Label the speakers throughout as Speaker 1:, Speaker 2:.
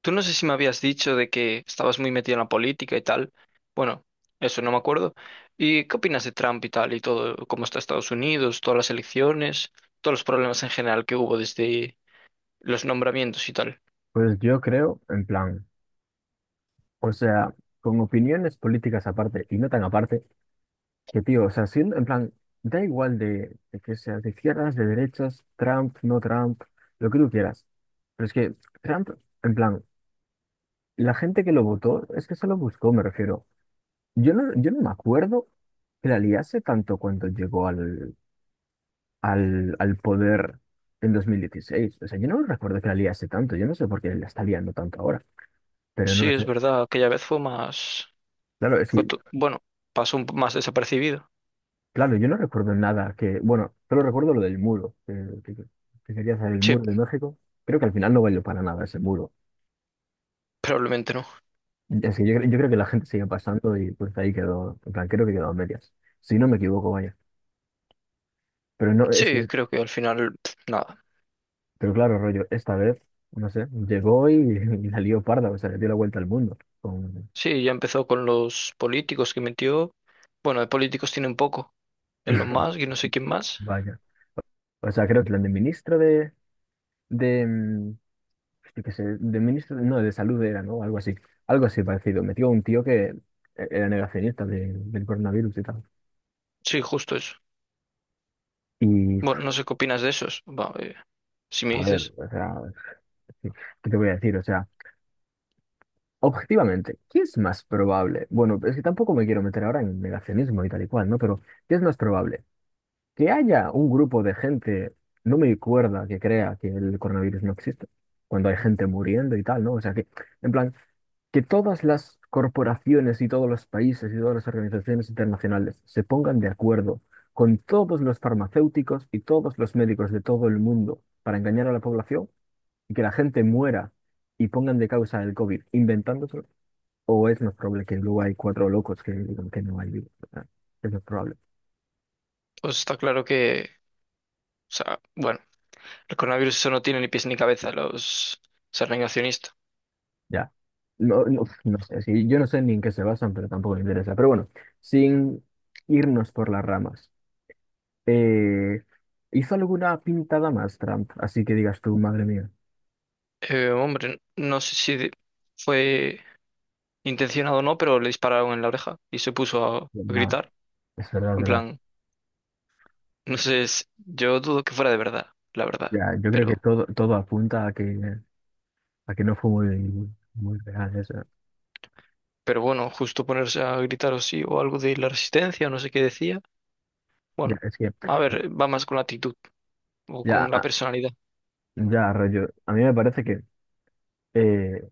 Speaker 1: Tú no sé si me habías dicho de que estabas muy metido en la política y tal. Bueno, eso no me acuerdo. ¿Y qué opinas de Trump y tal y todo? ¿Cómo está Estados Unidos, todas las elecciones, todos los problemas en general que hubo desde los nombramientos y tal?
Speaker 2: Pues yo creo, en plan, o sea, con opiniones políticas aparte y no tan aparte, que tío, o sea, siendo, en plan, da igual de que seas de izquierdas, de derechas, Trump, no Trump, lo que tú quieras. Pero es que Trump, en plan, la gente que lo votó es que se lo buscó, me refiero. Yo no me acuerdo que la liase tanto cuando llegó al poder en 2016. O sea, yo no recuerdo que la liase tanto, yo no sé por qué la está liando tanto ahora, pero
Speaker 1: Sí,
Speaker 2: no
Speaker 1: es
Speaker 2: sé.
Speaker 1: verdad, aquella vez fue más...
Speaker 2: Claro, es que
Speaker 1: bueno, más desapercibido.
Speaker 2: claro, yo no recuerdo nada que, bueno, solo recuerdo lo del muro, que- que quería hacer el
Speaker 1: Sí,
Speaker 2: muro de México. Creo que al final no valió para nada ese muro.
Speaker 1: probablemente no.
Speaker 2: Es que yo, yo creo que la gente sigue pasando y pues ahí quedó, en plan, creo que quedó a medias. Si no me equivoco, vaya. Pero no, es
Speaker 1: Sí,
Speaker 2: que,
Speaker 1: creo que al final pf, nada.
Speaker 2: pero claro, rollo, esta vez, no sé, llegó y, y la lió parda, o sea, le dio la vuelta al mundo. Con...
Speaker 1: Sí, ya empezó con los políticos que metió. Bueno, de políticos tiene un poco. Elon Musk y no sé quién más.
Speaker 2: Vaya. O sea, creo que plan de ministro de, de, mm, yo qué sé, de ministro, no, de salud era, ¿no? Algo así parecido. Metió a un tío que era del coronavirus y tal.
Speaker 1: Sí, justo eso.
Speaker 2: Y,
Speaker 1: Bueno, no sé qué opinas de esos. Va, si me
Speaker 2: a ver,
Speaker 1: dices,
Speaker 2: o sea, ¿qué qué te voy a decir? O sea, objetivamente, ¿qué es más probable? Bueno, es que tampoco me quiero meter ahora en negacionismo y tal y cual, ¿no? Pero, ¿qué es más probable? Que haya un grupo de gente, no me acuerdo que crea que el coronavirus no existe, cuando hay gente muriendo y tal, ¿no? O sea que, en plan, que todas las corporaciones y todos los países y todas las organizaciones internacionales se pongan de acuerdo con todos los farmacéuticos y todos los médicos de todo el mundo para engañar a la población y que la gente muera y pongan de causa el COVID inventándoselo, o es más probable que luego hay cuatro locos que digan que no hay virus. O es más probable.
Speaker 1: pues está claro que, o sea, bueno, el coronavirus eso no tiene ni pies ni cabeza, los, ser negacionista.
Speaker 2: Ya. No, no, no sé, sí, yo no sé ni en qué se basan, pero tampoco me interesa. Pero bueno, sin irnos por las ramas, eh, ¿hizo alguna pintada más Trump? Así que digas tú, madre mía.
Speaker 1: Hombre, no sé si de- fue intencionado o no, pero le dispararon en la oreja y se puso a
Speaker 2: Nada,
Speaker 1: gritar.
Speaker 2: es verdad, es
Speaker 1: En
Speaker 2: verdad.
Speaker 1: plan, no sé, yo dudo que fuera de verdad, la verdad.
Speaker 2: Ya, yo creo que
Speaker 1: Pero,
Speaker 2: todo apunta a que no fue muy real eso.
Speaker 1: pero bueno, justo ponerse a gritar o sí, o algo de la resistencia, no sé qué decía.
Speaker 2: Ya,
Speaker 1: Bueno,
Speaker 2: es que,
Speaker 1: a ver, va más con la actitud o con
Speaker 2: ya,
Speaker 1: la personalidad.
Speaker 2: ya, rollo, a mí me parece que eh,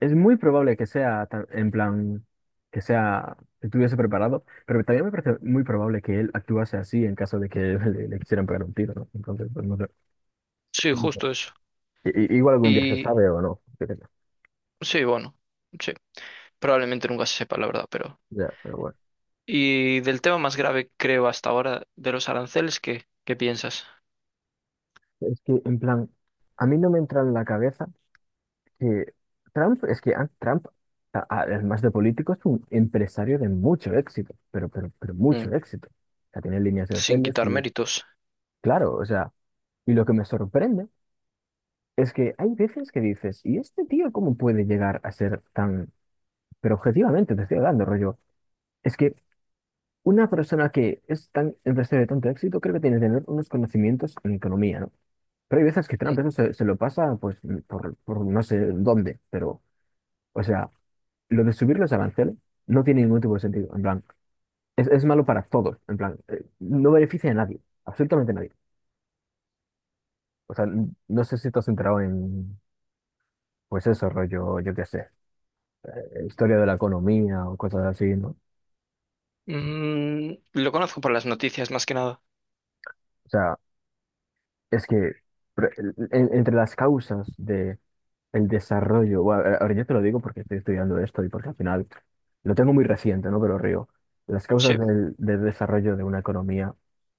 Speaker 2: es muy probable que sea tan- en plan, que estuviese preparado, pero también me parece muy probable que él actuase así en caso de que le quisieran pegar un tiro, ¿no? Entonces, pues no sé.
Speaker 1: Sí,
Speaker 2: No sé.
Speaker 1: justo eso.
Speaker 2: Igual algún día se
Speaker 1: Y
Speaker 2: sabe o no. Yo qué sé.
Speaker 1: sí, bueno, sí. Probablemente nunca se sepa, la verdad, pero...
Speaker 2: Ya, pero bueno.
Speaker 1: Y del tema más grave, creo, hasta ahora, de los aranceles, ¿qué piensas?
Speaker 2: Es que, en plan, a mí no me entra en la cabeza que Trump, es que Trump, además de político, es un empresario de mucho éxito, pero, pero
Speaker 1: Mm,
Speaker 2: mucho éxito. O sea, tiene líneas de
Speaker 1: sin
Speaker 2: hoteles
Speaker 1: quitar
Speaker 2: y,
Speaker 1: méritos.
Speaker 2: claro, o sea, y lo que me sorprende. Es que hay veces que dices, ¿y este tío cómo puede llegar a ser tan... Pero objetivamente te estoy hablando, rollo. Es que una persona que es tan empresaria de tanto éxito, creo que tiene que tener unos conocimientos en economía, ¿no? Pero hay veces que
Speaker 1: Mm.
Speaker 2: Trump eso se lo pasa, pues, por no sé dónde, pero, o sea, lo de subir los aranceles no tiene ningún tipo de sentido, en plan, es malo para todos, en plan, no beneficia a nadie, absolutamente a nadie. O sea, no sé si te has enterado en, pues eso, rollo, yo qué sé historia de la economía o cosas así, ¿no?
Speaker 1: Mm, lo conozco por las noticias, más que nada.
Speaker 2: O sea, es que pre- entre las causas de el desarrollo, bueno, ahora yo te lo digo porque estoy estudiando esto y porque al final lo tengo muy reciente, ¿no? Pero río, las
Speaker 1: Sí,
Speaker 2: causas del desarrollo de una economía,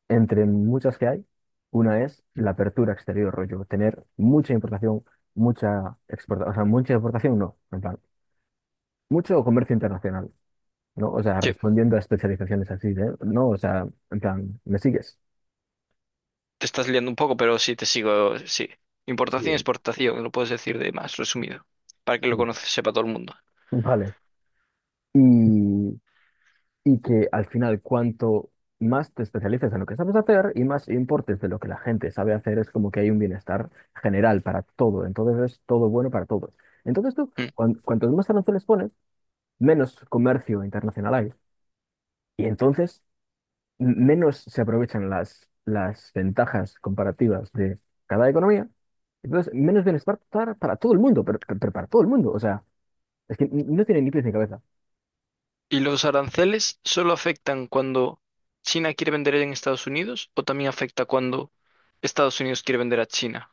Speaker 2: entre muchas que hay, una es la apertura exterior, rollo, tener mucha importación, mucha exportación, o sea, mucha exportación no, en plan, mucho comercio internacional, ¿no? O sea,
Speaker 1: sí.
Speaker 2: respondiendo a especializaciones así, ¿eh? No, o sea, en plan, ¿me sigues?
Speaker 1: Te estás liando un poco, pero sí, te sigo, sí. Importación y
Speaker 2: Sí,
Speaker 1: exportación, lo puedes decir de más resumido, para que
Speaker 2: sí.
Speaker 1: sepa todo el mundo.
Speaker 2: Vale. Y, y que al final, cuanto más te especialices en lo que sabes hacer y más importes de lo que la gente sabe hacer, es como que hay un bienestar general para todo. Entonces es todo bueno para todos. Entonces tú,
Speaker 1: Mm.
Speaker 2: cuantos más aranceles pones, menos comercio internacional hay. Y entonces menos se aprovechan las ventajas comparativas de cada economía. Entonces, menos bienestar para todo el mundo, pero para todo el mundo. O sea, es que no tiene ni pies ni cabeza.
Speaker 1: ¿Y los aranceles solo afectan cuando China quiere vender en Estados Unidos o también afecta cuando Estados Unidos quiere vender a China?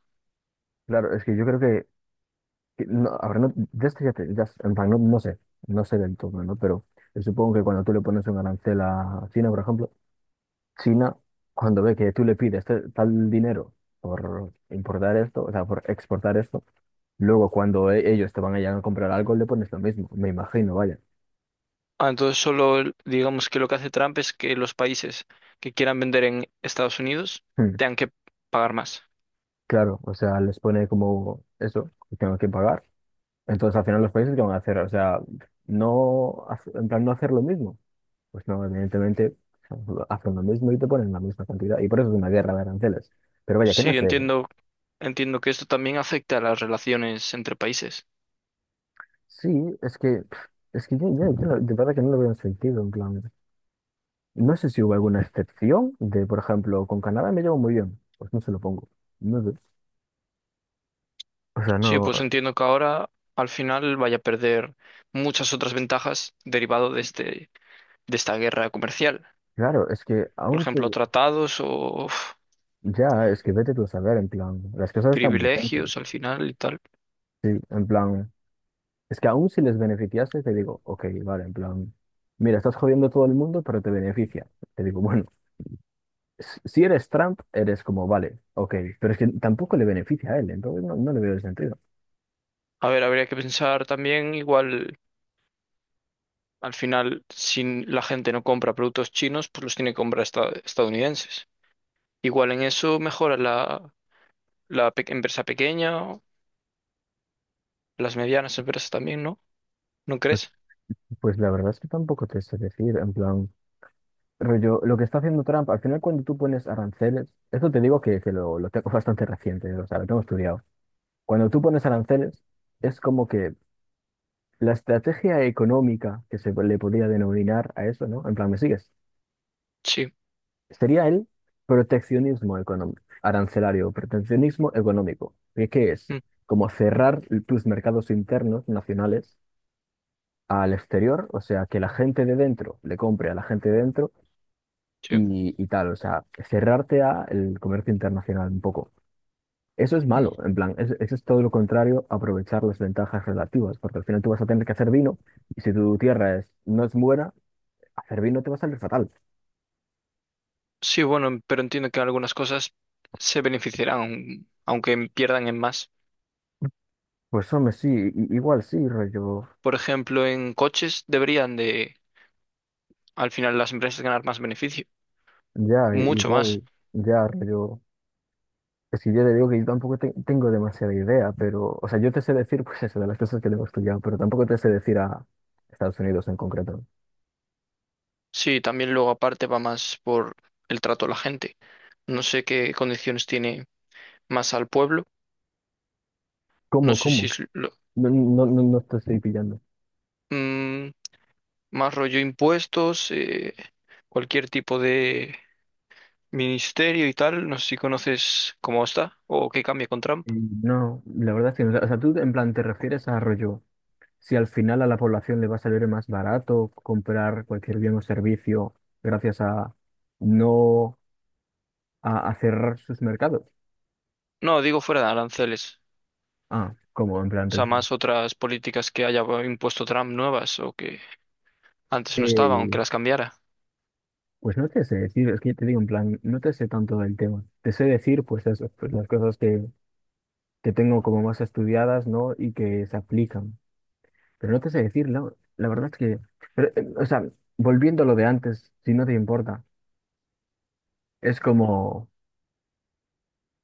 Speaker 2: Claro, es que yo creo que no, ahora no, ya estoy, ya, en plan, no, no sé, no sé del todo, ¿no? Pero yo supongo que cuando tú le pones un arancel a China, por ejemplo, China, cuando ve que tú le pides tal dinero por importar esto, o sea, por exportar esto, luego cuando ellos te van a llegar a comprar algo, le pones lo mismo, me imagino, vaya.
Speaker 1: Ah, entonces digamos que lo que hace Trump es que los países que quieran vender en Estados Unidos
Speaker 2: Hmm,
Speaker 1: tengan que pagar más.
Speaker 2: claro, o sea, les pone como eso, que tengo que pagar. Entonces al final los países que van a hacer, o sea, no, en plan, no hacer lo mismo. Pues no, evidentemente, hacen lo mismo y te ponen la misma cantidad. Y por eso es una guerra de aranceles. Pero vaya, ¿qué no
Speaker 1: Sí,
Speaker 2: sé?
Speaker 1: entiendo, entiendo que esto también afecta a las relaciones entre países.
Speaker 2: Sí, es que, pf, es que yo, de verdad que no lo veo en sentido, en plan. No sé si hubo alguna excepción de, por ejemplo, con Canadá me llevo muy bien. Pues no se lo pongo. No sé. O sea,
Speaker 1: Sí,
Speaker 2: no.
Speaker 1: pues entiendo que ahora al final vaya a perder muchas otras ventajas derivado de de esta guerra comercial.
Speaker 2: Claro, es que
Speaker 1: Por
Speaker 2: aunque
Speaker 1: ejemplo, tratados o uf,
Speaker 2: ya, es que vete tú a saber, en plan, las cosas están muy tensas.
Speaker 1: privilegios al final y tal.
Speaker 2: Sí, en plan, es que aún si les beneficiase, te digo, ok, vale, en plan, mira, estás jodiendo a todo el mundo, pero te beneficia. Te digo, bueno. Si eres Trump, eres como, vale, ok, pero es que tampoco le beneficia a él, entonces no, no le veo el sentido.
Speaker 1: A ver, habría que pensar también igual. Al final, si la gente no compra productos chinos, pues los tiene que comprar estadounidenses. Igual en eso mejora la empresa pequeña, o las medianas empresas también, ¿no? ¿No
Speaker 2: Pues,
Speaker 1: crees?
Speaker 2: pues la verdad es que tampoco te sé decir, en plan, rollo, lo que está haciendo Trump, al final cuando tú pones aranceles, esto te digo que lo tengo bastante reciente, o sea, lo tengo estudiado. Cuando tú pones aranceles, es como que la estrategia económica que se le podría denominar a eso, ¿no? En plan, ¿me sigues?
Speaker 1: Sí,
Speaker 2: Sería el proteccionismo económico, arancelario, proteccionismo económico. ¿Y qué es?
Speaker 1: mm,
Speaker 2: Como cerrar tus mercados internos nacionales al exterior, o sea, que la gente de dentro le compre a la gente de dentro
Speaker 1: sí.
Speaker 2: y tal, o sea, cerrarte al comercio internacional un poco. Eso es
Speaker 1: Mm.
Speaker 2: malo, en plan, eso es todo lo contrario, a aprovechar las ventajas relativas, porque al final tú vas a tener que hacer vino y si tu tierra es, no es buena, hacer vino te va a salir fatal.
Speaker 1: Sí, bueno, pero entiendo que algunas cosas se beneficiarán, aunque pierdan en más.
Speaker 2: Pues hombre, sí, igual sí, rollo.
Speaker 1: Por ejemplo, en coches deberían de, al final, las empresas ganar más beneficio,
Speaker 2: Ya,
Speaker 1: mucho más.
Speaker 2: igual, ya, yo, es que yo le digo que yo tampoco tengo demasiada idea, pero, o sea, yo te sé decir, pues eso, de las cosas que debo estudiar, pero tampoco te sé decir a Estados Unidos en concreto.
Speaker 1: Sí, también luego aparte va más por el trato a la gente. No sé qué condiciones tiene más al pueblo. No
Speaker 2: ¿Cómo,
Speaker 1: sé si
Speaker 2: cómo?
Speaker 1: es lo-
Speaker 2: No te estoy pillando.
Speaker 1: mm, más rollo impuestos, cualquier tipo de ministerio y tal. No sé si conoces cómo está o qué cambia con Trump.
Speaker 2: Y no, la verdad es que, no. O sea, tú en plan te refieres a rollo, si al final a la población le va a salir más barato comprar cualquier bien o servicio gracias a no a cerrar sus mercados.
Speaker 1: No, digo fuera de aranceles.
Speaker 2: Ah, ¿cómo? En plan,
Speaker 1: O sea, más otras políticas que haya impuesto Trump nuevas o que antes no estaban,
Speaker 2: eh,
Speaker 1: aunque las cambiara.
Speaker 2: pues no te sé decir, es que te digo en plan, no te sé tanto del tema. Te sé decir, pues eso, pues las cosas que tengo como más estudiadas, ¿no? Y que se aplican. Pero no te sé decir, la verdad es que, pero, o sea, volviendo a lo de antes, si no te importa, es como,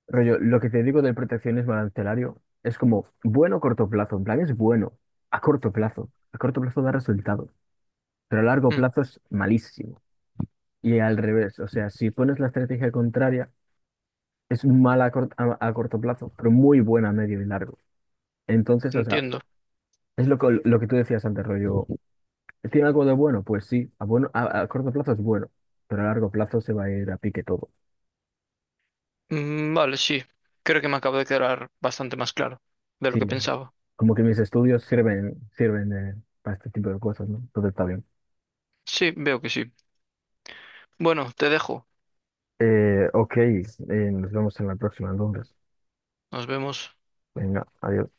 Speaker 2: rollo, lo que te digo del proteccionismo arancelario es como bueno a corto plazo, en plan es bueno, a corto plazo da resultados, pero a largo
Speaker 1: Mm,
Speaker 2: plazo es malísimo. Y al revés, o sea, si pones la estrategia contraria, es mala a, a corto plazo, pero muy buena a medio y largo. Entonces, o sea,
Speaker 1: entiendo.
Speaker 2: es lo que tú decías antes, rollo. ¿Tiene algo de bueno? Pues sí, a, bueno, a corto plazo es bueno, pero a largo plazo se va a ir a pique todo.
Speaker 1: Mm, vale, sí. Creo que me acabo de quedar bastante más claro de lo
Speaker 2: Sí,
Speaker 1: que
Speaker 2: o sea,
Speaker 1: pensaba.
Speaker 2: como que mis estudios sirven, sirven para este tipo de cosas, ¿no? Entonces está bien.
Speaker 1: Sí, veo que sí. Bueno, te dejo.
Speaker 2: Ok, nos vemos en la próxima entonces.
Speaker 1: Nos vemos.
Speaker 2: Venga, adiós.